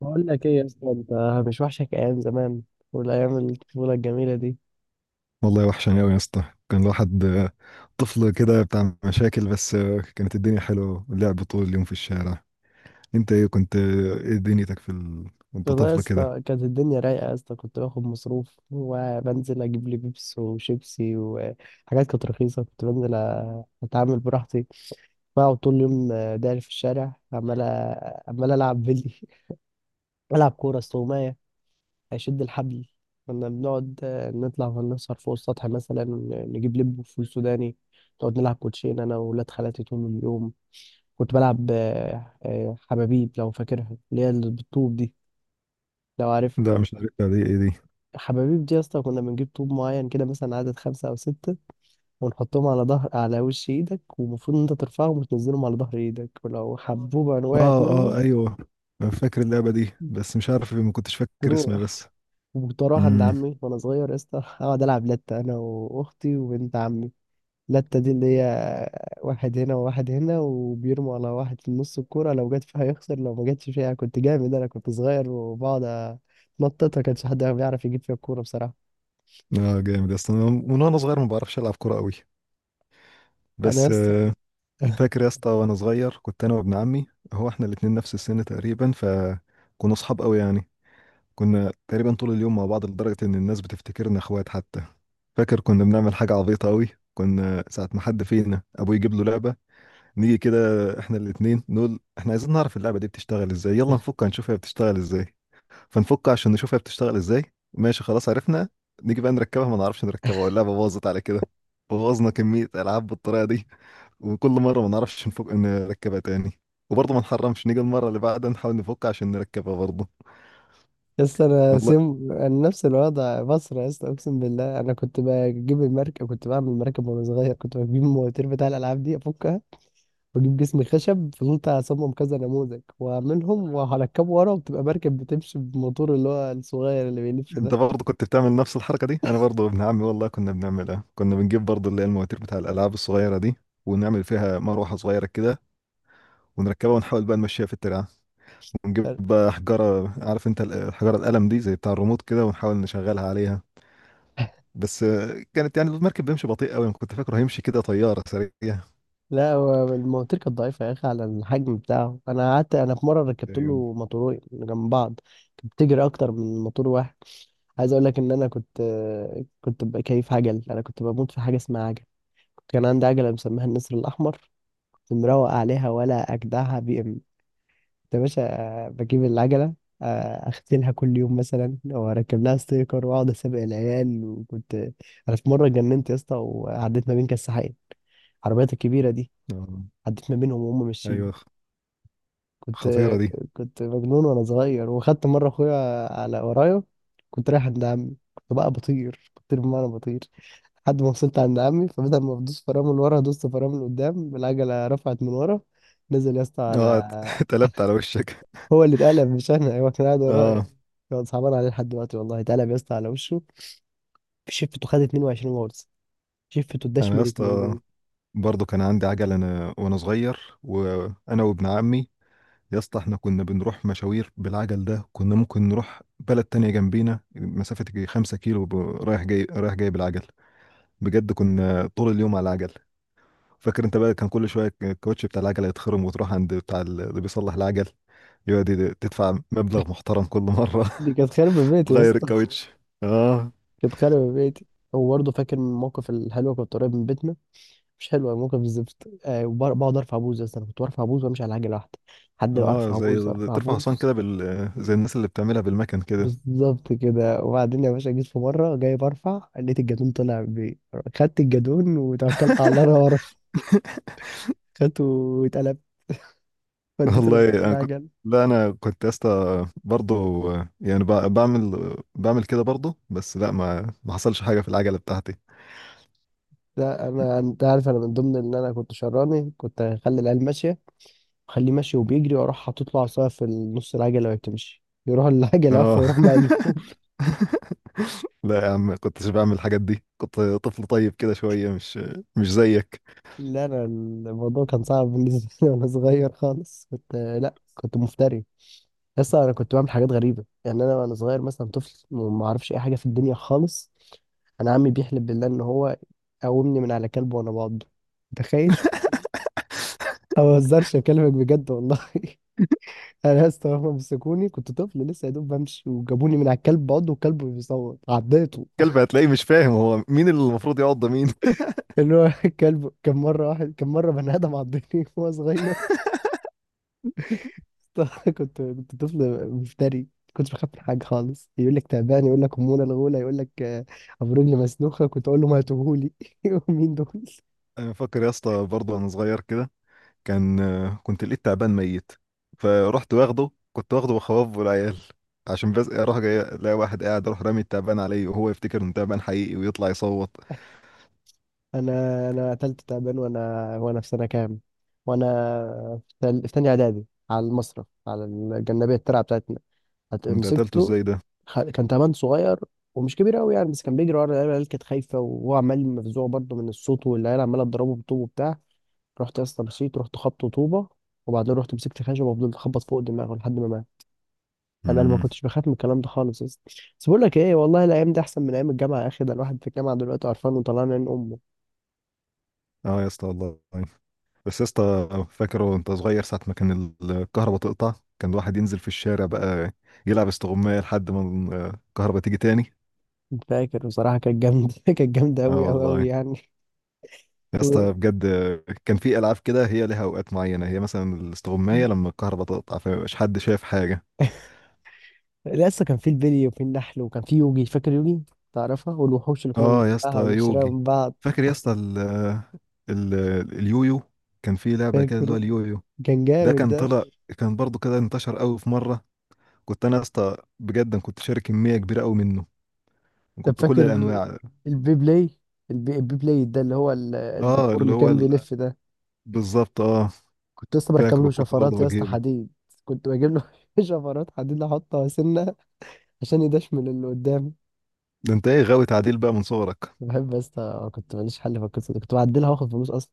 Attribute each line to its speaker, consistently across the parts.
Speaker 1: بقول لك ايه يا اسطى. انت مش وحشك ايام زمان والايام الطفوله الجميله دي؟
Speaker 2: والله وحشني قوي يا اسطى. كان الواحد طفل كده بتاع مشاكل، بس كانت الدنيا حلوه، اللعب طول اليوم في الشارع. انت ايه كنت، ايه دنيتك في وانت
Speaker 1: والله يا
Speaker 2: طفل كده؟
Speaker 1: اسطى كانت الدنيا رايقه يا اسطى. كنت باخد مصروف وبنزل اجيب لي بيبس وشيبسي وحاجات كانت رخيصه. كنت بنزل اتعامل براحتي. بقعد طول اليوم داير في الشارع عمال عمال العب بلي. العب كوره، استغمايه، اشد الحبل. كنا بنقعد نطلع ونسهر فوق السطح مثلا، نجيب لب وفول سوداني، نقعد نلعب كوتشين انا وولاد خالاتي طول اليوم. كنت بلعب حبابيب، لو فاكرها، اللي هي اللي بالطوب دي، لو عارف.
Speaker 2: ده انا مش عارف دي ايه دي.
Speaker 1: حبابيب دي يا اسطى كنا بنجيب طوب معين كده مثلا عدد 5 أو 6 ونحطهم على ظهر، على وش إيدك، ومفروض إن أنت ترفعهم وتنزلهم على ظهر إيدك، ولو حبوبة
Speaker 2: اه
Speaker 1: وقعت
Speaker 2: اه،
Speaker 1: منهم
Speaker 2: ايوه أنا فاكر اللعبه دي، بس مش عارف، ما كنتش فاكر اسمها
Speaker 1: تروح.
Speaker 2: بس.
Speaker 1: وكنت أروح عند
Speaker 2: امم.
Speaker 1: عمي وأنا صغير يا اسطى، أقعد ألعب لتة أنا وأختي وبنت عمي. لتة دي اللي هي واحد هنا وواحد هنا وبيرموا على واحد في النص الكورة، لو جت فيها يخسر، لو ما جتش فيها. كنت جامد أنا كنت صغير، وبقعد أتنططها، كانش حد بيعرف يجيب فيها الكورة بصراحة.
Speaker 2: اه، جامد يا اسطى. أنا من وانا صغير ما بعرفش العب كوره قوي،
Speaker 1: أنا
Speaker 2: بس
Speaker 1: لسه
Speaker 2: فاكر يا اسطى وانا صغير كنت انا وابن عمي. هو احنا الاتنين نفس السن تقريبا، فكنا اصحاب قوي يعني. كنا تقريبا طول اليوم مع بعض، لدرجة إن الناس بتفتكرنا إخوات حتى. فاكر كنا بنعمل حاجة عبيطة أوي. كنا ساعة ما حد فينا أبوه يجيب له لعبة، نيجي كده إحنا الاتنين نقول إحنا عايزين نعرف اللعبة دي بتشتغل إزاي، يلا نفك هنشوف هي بتشتغل إزاي. فنفك عشان نشوف هي بتشتغل إزاي. ماشي خلاص عرفنا. نيجي بقى نركبها ما نعرفش نركبها، واللعبة باظت على كده. بوظنا كمية ألعاب بالطريقة دي، وكل مرة ما نعرفش نفك نركبها تاني، وبرضه ما نحرمش نيجي المرة اللي بعدها نحاول نفك عشان نركبها برضه.
Speaker 1: لسه أنا
Speaker 2: والله
Speaker 1: سم أنا نفس الوضع مصر. لسه أقسم بالله أنا كنت بجيب المركب، كنت بعمل المركب وأنا صغير. كنت بجيب المواتير بتاع الألعاب دي أفكها وأجيب جسم خشب، فضلت أصمم كذا نموذج وأعملهم وهركبه ورا وبتبقى مركب بتمشي بموتور، اللي هو الصغير اللي بيلف
Speaker 2: انت
Speaker 1: ده.
Speaker 2: برضه كنت بتعمل نفس الحركه دي؟ انا برضه ابن عمي والله كنا بنعملها. كنا بنجيب برضه اللي هي المواتير بتاع الالعاب الصغيره دي، ونعمل فيها مروحه صغيره كده، ونركبها ونحاول بقى نمشيها في الترعه. ونجيب بقى حجاره، عارف انت الحجاره القلم دي زي بتاع الريموت كده، ونحاول نشغلها عليها. بس كانت يعني المركب بيمشي بطيء قوي، كنت فاكره هيمشي كده طياره سريع.
Speaker 1: لا، هو المواتير كانت ضعيفة يا أخي على الحجم بتاعه. أنا قعدت، أنا في مرة ركبت
Speaker 2: ايوه.
Speaker 1: له موتورين جنب بعض، كانت بتجري أكتر من موتور واحد. عايز أقول لك إن أنا كنت ببقى كيف عجل. أنا كنت بموت في حاجة اسمها عجل، كان عندي عجلة مسميها النسر الأحمر، كنت مروق عليها ولا أجدعها بي إم. كنت يا باشا بجيب العجلة، آه، أغسلها كل يوم مثلا وأركب لها ستيكر وأقعد أسابق العيال. وكنت أنا في مرة اتجننت يا اسطى وعديت ما بين كساحين، العربيات الكبيرة دي،
Speaker 2: آه.
Speaker 1: عديت ما بينهم وهم ماشيين.
Speaker 2: ايوه،
Speaker 1: كنت
Speaker 2: خطيره دي.
Speaker 1: كنت مجنون وانا صغير، وخدت مره اخويا على ورايا كنت رايح عند عمي. كنت بقى بطير بطير بمعنى بطير لحد ما وصلت عند عمي، فبدل ما بدوس فرامل من ورا دوست فرامل من قدام، العجله رفعت من ورا، نزل يا اسطى
Speaker 2: اه،
Speaker 1: على...
Speaker 2: اتقلبت على وشك.
Speaker 1: هو اللي اتقلب مش انا، هو كان قاعد ورايا.
Speaker 2: اه.
Speaker 1: كان صعبان عليه لحد دلوقتي والله، اتقلب يا اسطى على وشه. شفته خد 22 غرز، شفته
Speaker 2: انا يا
Speaker 1: اتدشملت من
Speaker 2: اسطى
Speaker 1: جوه.
Speaker 2: برضه كان عندي عجله انا وانا صغير، وانا وابن عمي. يا اسطى احنا كنا بنروح مشاوير بالعجل ده، كنا ممكن نروح بلد تانية جنبينا مسافة يجي 5 كيلو رايح جاي، رايح جاي بالعجل. بجد كنا طول اليوم على العجل. فاكر انت بقى كان كل شوية الكاوتش بتاع العجل يتخرم، وتروح عند بتاع اللي بيصلح العجل، يقعد تدفع مبلغ محترم كل مرة.
Speaker 1: دي كانت خربة بيتي يا
Speaker 2: تغير، ياه،
Speaker 1: اسطى.
Speaker 2: الكاوتش. اه.
Speaker 1: كانت خربة بيتي. هو برضه فاكر من الموقف الحلو، كنت قريب من بيتنا. مش حلوه موقف الزفت بقعد ارفع بوز. بس انا كنت برفع بوز وامشي على عجله واحده، حد
Speaker 2: اه،
Speaker 1: ارفع
Speaker 2: زي
Speaker 1: بوز ارفع
Speaker 2: ترفع حصان
Speaker 1: بوز.
Speaker 2: كده بال، زي الناس اللي بتعملها بالمكن كده.
Speaker 1: بالظبط كده. وبعدين يا باشا جيت في مره جاي برفع، لقيت الجدون طلع بي، خدت الجدون وتوكلت على الله، انا ورا، خدته واتقلبت وديته
Speaker 2: والله انا كنت،
Speaker 1: العجل.
Speaker 2: لا انا كنت يا اسطى برضه يعني بعمل كده برضه، بس لا، ما حصلش حاجه في العجله بتاعتي.
Speaker 1: لا انا، انت عارف انا من ضمن ان انا كنت شراني، كنت اخلي العيال ماشيه، اخليه ماشي وبيجري واروح حاطط له عصايه في نص العجله وهي بتمشي، يروح العجله واقفه
Speaker 2: اه.
Speaker 1: يروح مقلوب.
Speaker 2: لا يا عم، كنتش بعمل الحاجات دي. كنت طفل طيب كده شويه، مش زيك.
Speaker 1: لا انا الموضوع كان صعب بالنسبه لي، وانا صغير خالص كنت، لا كنت مفتري. لسه انا كنت بعمل حاجات غريبه يعني انا وانا صغير، مثلا طفل وما اعرفش اي حاجه في الدنيا خالص. انا عمي بيحلف بالله ان هو قومني من على كلب وانا بعضه، تخيل. أنا ما بهزرش، اكلمك بجد والله. انا لسه هما مسكوني كنت طفل لسه يا دوب بمشي، وجابوني من على الكلب بعضه والكلب بيصوت عضيته.
Speaker 2: كلب هتلاقيه مش فاهم هو مين اللي المفروض يقعد، ده مين؟
Speaker 1: اللي هو الكلب كان مره، واحد كان مره بني ادم عضني وهو صغير. كنت طفل مفتري. كنت بخاف من حاجه خالص، يقول لك تعبان يقول لك اموره الغوله يقول لك ابو رجل مسلوخه، كنت اقول له ما هاتوهولي. مين دول؟
Speaker 2: انا فاكر يا اسطى، برضه وانا صغير كده، كان كنت لقيت تعبان ميت، فرحت واخده. كنت واخده بخواف والعيال، عشان بس اروح جاي الاقي واحد قاعد، اروح رامي التعبان عليه، وهو يفتكر انه تعبان حقيقي ويطلع يصوت.
Speaker 1: انا قتلت تعبان وانا، وانا في سنه كام، وانا في في تانية اعدادي، على المصرف على الجنبيه الترعه بتاعتنا،
Speaker 2: انت قتلته
Speaker 1: مسكته.
Speaker 2: ازاي ده؟
Speaker 1: كان تعبان صغير ومش كبير قوي يعني، بس كان بيجري ورا العيال، العيال كانت خايفه، وهو عمال مفزوع برضه من الصوت، والعيال عماله تضربه بالطوب وبتاع. رحت يا اسطى مشيت رحت خبط طوبه، وبعدين رحت مسكت خشبه وفضلت اخبط فوق دماغه لحد ما مات. انا ما
Speaker 2: امم.
Speaker 1: كنتش بخاف من الكلام ده خالص يا اسطى. بس بقول لك ايه، والله الايام دي احسن من ايام الجامعه يا اخي، ده الواحد في الجامعه دلوقتي قرفان وطلعان عين امه.
Speaker 2: اه، يا اسطى والله. بس يا اسطى فاكره وانت صغير ساعة ما كان الكهرباء تقطع، كان الواحد ينزل في الشارع بقى يلعب استغماية لحد ما الكهرباء تيجي تاني.
Speaker 1: فاكر بصراحه كانت جامده، كانت جامده
Speaker 2: اه
Speaker 1: قوي قوي قوي
Speaker 2: والله
Speaker 1: يعني.
Speaker 2: يا
Speaker 1: و...
Speaker 2: اسطى، بجد. كان في ألعاب كده هي ليها أوقات معينة، هي مثلا الاستغماية لما الكهرباء تقطع فمبقاش حد شايف حاجة.
Speaker 1: لسه كان في البلي وفي النحل، وكان في يوجي، فاكر يوجي؟ تعرفها، والوحوش اللي كنا
Speaker 2: اه يا اسطى،
Speaker 1: بنجمعها ونشتريها
Speaker 2: يوجي.
Speaker 1: من بعض.
Speaker 2: فاكر يا اسطى ال، ال، اليويو. كان في لعبة كده اللي هو
Speaker 1: فاكره،
Speaker 2: اليويو.
Speaker 1: كان
Speaker 2: ده
Speaker 1: جامد
Speaker 2: كان
Speaker 1: ده.
Speaker 2: طلع. كان برضو كده انتشر قوي في مرة. كنت انا يا اسطى بجد، أنا كنت شاري كميه كبيره قوي منه،
Speaker 1: طب
Speaker 2: وكنت كل
Speaker 1: فاكر
Speaker 2: الانواع.
Speaker 1: البي بلاي؟ البي بلاي ده اللي هو
Speaker 2: اه
Speaker 1: الدبور
Speaker 2: اللي
Speaker 1: اللي
Speaker 2: هو
Speaker 1: كان بيلف ده،
Speaker 2: بالظبط، اه.
Speaker 1: كنت لسه بركب
Speaker 2: فاكره
Speaker 1: له
Speaker 2: كنت
Speaker 1: شفرات
Speaker 2: برضه
Speaker 1: يا اسطى،
Speaker 2: بجيبه.
Speaker 1: حديد. كنت بجيب له شفرات حديد احطها سنه عشان يدشمل اللي قدامي.
Speaker 2: ده انت ايه، غاوي تعديل بقى من صغرك؟
Speaker 1: بحب يا اسطى، كنت ماليش حل في القصه دي، كنت بعدلها واخد فلوس اصلا.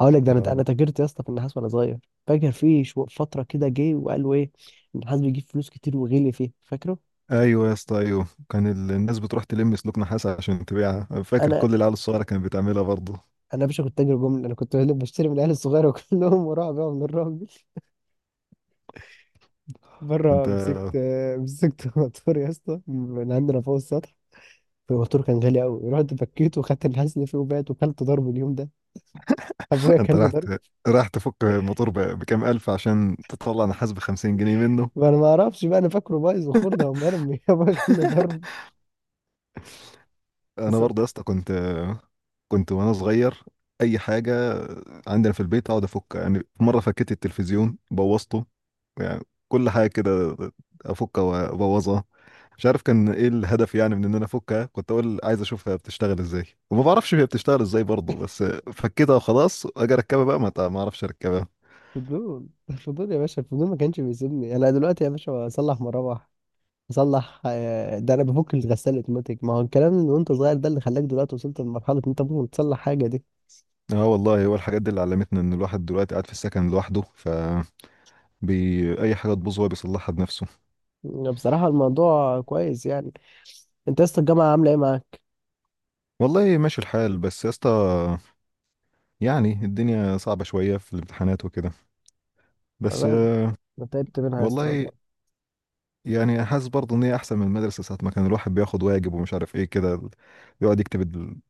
Speaker 1: اقول لك، ده انا
Speaker 2: آه.
Speaker 1: تاجرت يا اسطى في النحاس وانا صغير. فاكر في فتره كده جه وقالوا ايه؟ النحاس بيجيب فلوس كتير وغلي فيه، فاكره؟
Speaker 2: ايوه يا اسطى، ايوه. كان الناس بتروح تلم سلوك نحاس عشان تبيعها. أنا فاكر
Speaker 1: انا
Speaker 2: كل العيال الصغيره كانت بتعملها برضه.
Speaker 1: يا باشا كنت تاجر جمله، انا كنت بشتري من العيال الصغيره كلهم، وراح ابيعهم للراجل. مره
Speaker 2: انت
Speaker 1: مسكت موتور يا اسطى من عندنا فوق السطح. فالموتور كان غالي قوي، رحت فكيته وخدت الحزن فيه وبعت، وكلت ضرب اليوم ده، ابويا
Speaker 2: انت
Speaker 1: كان
Speaker 2: راح
Speaker 1: ضرب.
Speaker 2: راح تفك الموتور بكام الف عشان تطلع نحاس ب 50 جنيه منه؟
Speaker 1: وانا ما اعرفش بقى، انا فاكره بايظ وخرده ومرمي. ابويا كان ضرب.
Speaker 2: انا
Speaker 1: فصل-
Speaker 2: برضه يا اسطى كنت وانا صغير اي حاجه عندنا في البيت اقعد افك، يعني في مره فكيت التلفزيون بوظته. يعني كل حاجه كده افكها وابوظها. مش عارف كان ايه الهدف يعني من ان انا افكها. كنت اقول عايز اشوفها بتشتغل ازاي، وما بعرفش هي بتشتغل ازاي برضه. بس فكيتها وخلاص، اجي اركبها بقى، ما اعرفش اركبها.
Speaker 1: فضول، الفضول يا باشا الفضول ما كانش بيسيبني. انا دلوقتي يا باشا اصلح مراوح، اصلح ده انا بفك الغساله اوتوماتيك. ما هو الكلام اللي وانت صغير ده اللي خلاك دلوقتي وصلت لمرحله ان انت ممكن تصلح حاجه دي.
Speaker 2: اه والله، هو الحاجات دي اللي علمتنا ان الواحد دلوقتي قاعد في السكن لوحده، ف اي حاجه تبوظ هو بيصلحها بنفسه.
Speaker 1: بصراحه الموضوع كويس يعني. انت يا اسطى الجامعه عامله ايه معاك؟
Speaker 2: والله ماشي الحال، بس يا اسطى يعني الدنيا صعبة شوية في الامتحانات وكده، بس
Speaker 1: والله انا تعبت منها يا اسطى.
Speaker 2: والله يعني حاسس برضه ان هي احسن من المدرسة. ساعة ما كان الواحد بياخد واجب ومش عارف ايه كده، يقعد يكتب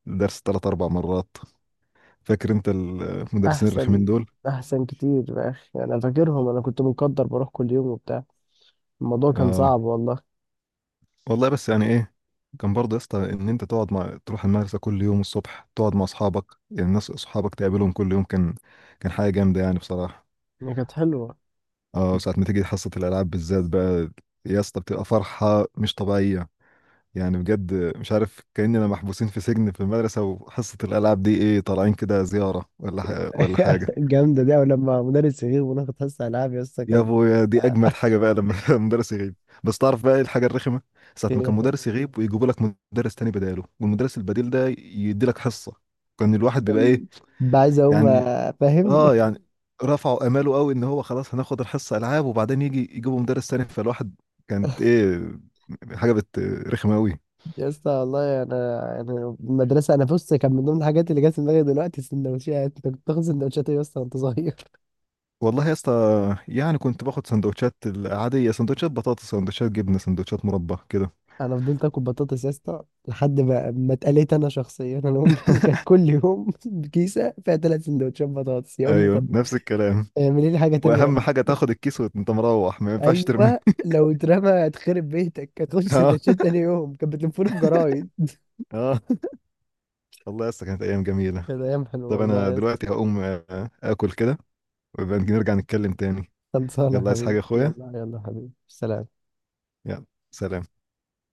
Speaker 2: الدرس 3 4 مرات. فاكر انت المدرسين
Speaker 1: احسن،
Speaker 2: الرخمين دول؟
Speaker 1: احسن كتير يا اخي، انا فاكرهم، انا كنت مقدر بروح كل يوم وبتاع، الموضوع كان
Speaker 2: اه
Speaker 1: صعب والله.
Speaker 2: والله، بس يعني ايه، كان برضه يا اسطى ان انت تقعد مع، تروح المدرسة كل يوم الصبح تقعد مع اصحابك. يعني الناس اصحابك تقابلهم كل يوم، كان كان حاجة جامدة يعني بصراحة.
Speaker 1: هي كانت حلوه.
Speaker 2: اه، ساعة ما تيجي حصة الالعاب بالذات بقى يا اسطى بتبقى فرحة مش طبيعية. يعني بجد مش عارف، كأننا محبوسين في سجن في المدرسة، وحصة الألعاب دي إيه، طالعين كده زيارة ولا ولا حاجة.
Speaker 1: جامدة دي، أو لما مدرس يغيب وناخد حصة ألعاب يا اسطى
Speaker 2: يا
Speaker 1: كان،
Speaker 2: أبويا، دي أجمد حاجة بقى لما المدرس يغيب. بس تعرف بقى إيه الحاجة الرخمة؟ ساعة ما كان
Speaker 1: يعني
Speaker 2: مدرس يغيب ويجيبوا لك مدرس تاني بداله، والمدرس البديل ده يدي لك حصة. كان الواحد بيبقى
Speaker 1: كان
Speaker 2: إيه
Speaker 1: بقى عايز أقوم
Speaker 2: يعني،
Speaker 1: فاهم.
Speaker 2: آه يعني، رفعوا آماله قوي إن هو خلاص هناخد الحصة ألعاب، وبعدين يجي يجيبوا مدرس تاني. فالواحد كانت إيه، حاجة بت، رخمة قوي.
Speaker 1: يا اسطى والله انا، انا المدرسه بص، كان من ضمن الحاجات اللي جت في دماغي دلوقتي السندوتشات. انت كنت بتاخد سندوتشات إيه يا اسطى وانت صغير؟
Speaker 2: والله يا اسطى، يعني كنت باخد سندوتشات العادية، سندوتشات بطاطس، سندوتشات جبنة، سندوتشات مربى كده.
Speaker 1: انا فضلت اكل بطاطس يا اسطى لحد ما ما اتقليت انا شخصيا. انا امي كانت كل يوم كيسه فيها 3 سندوتشات بطاطس. يا امي
Speaker 2: ايوه
Speaker 1: طب
Speaker 2: نفس الكلام.
Speaker 1: اعملي لي حاجه تانية يا
Speaker 2: واهم
Speaker 1: امي.
Speaker 2: حاجة تاخد الكيس وانت مروح، ما ينفعش ترميه.
Speaker 1: ايوه لو اترمى هتخرب بيتك، هتخش
Speaker 2: اه.
Speaker 1: سندوتشات تاني يوم، كانت بتلفوني في جرايد.
Speaker 2: اه والله يا اسطى، كانت ايام جميلة.
Speaker 1: كانت ايام حلوه
Speaker 2: طب
Speaker 1: والله
Speaker 2: انا
Speaker 1: يا اسطى.
Speaker 2: دلوقتي هقوم اكل كده، ويبقى نرجع نتكلم تاني.
Speaker 1: خلصانه يا
Speaker 2: يلا، عايز حاجة
Speaker 1: حبيبي،
Speaker 2: يا اخويا؟
Speaker 1: يلا يلا يا حبيبي، سلام.
Speaker 2: يلا. سلام.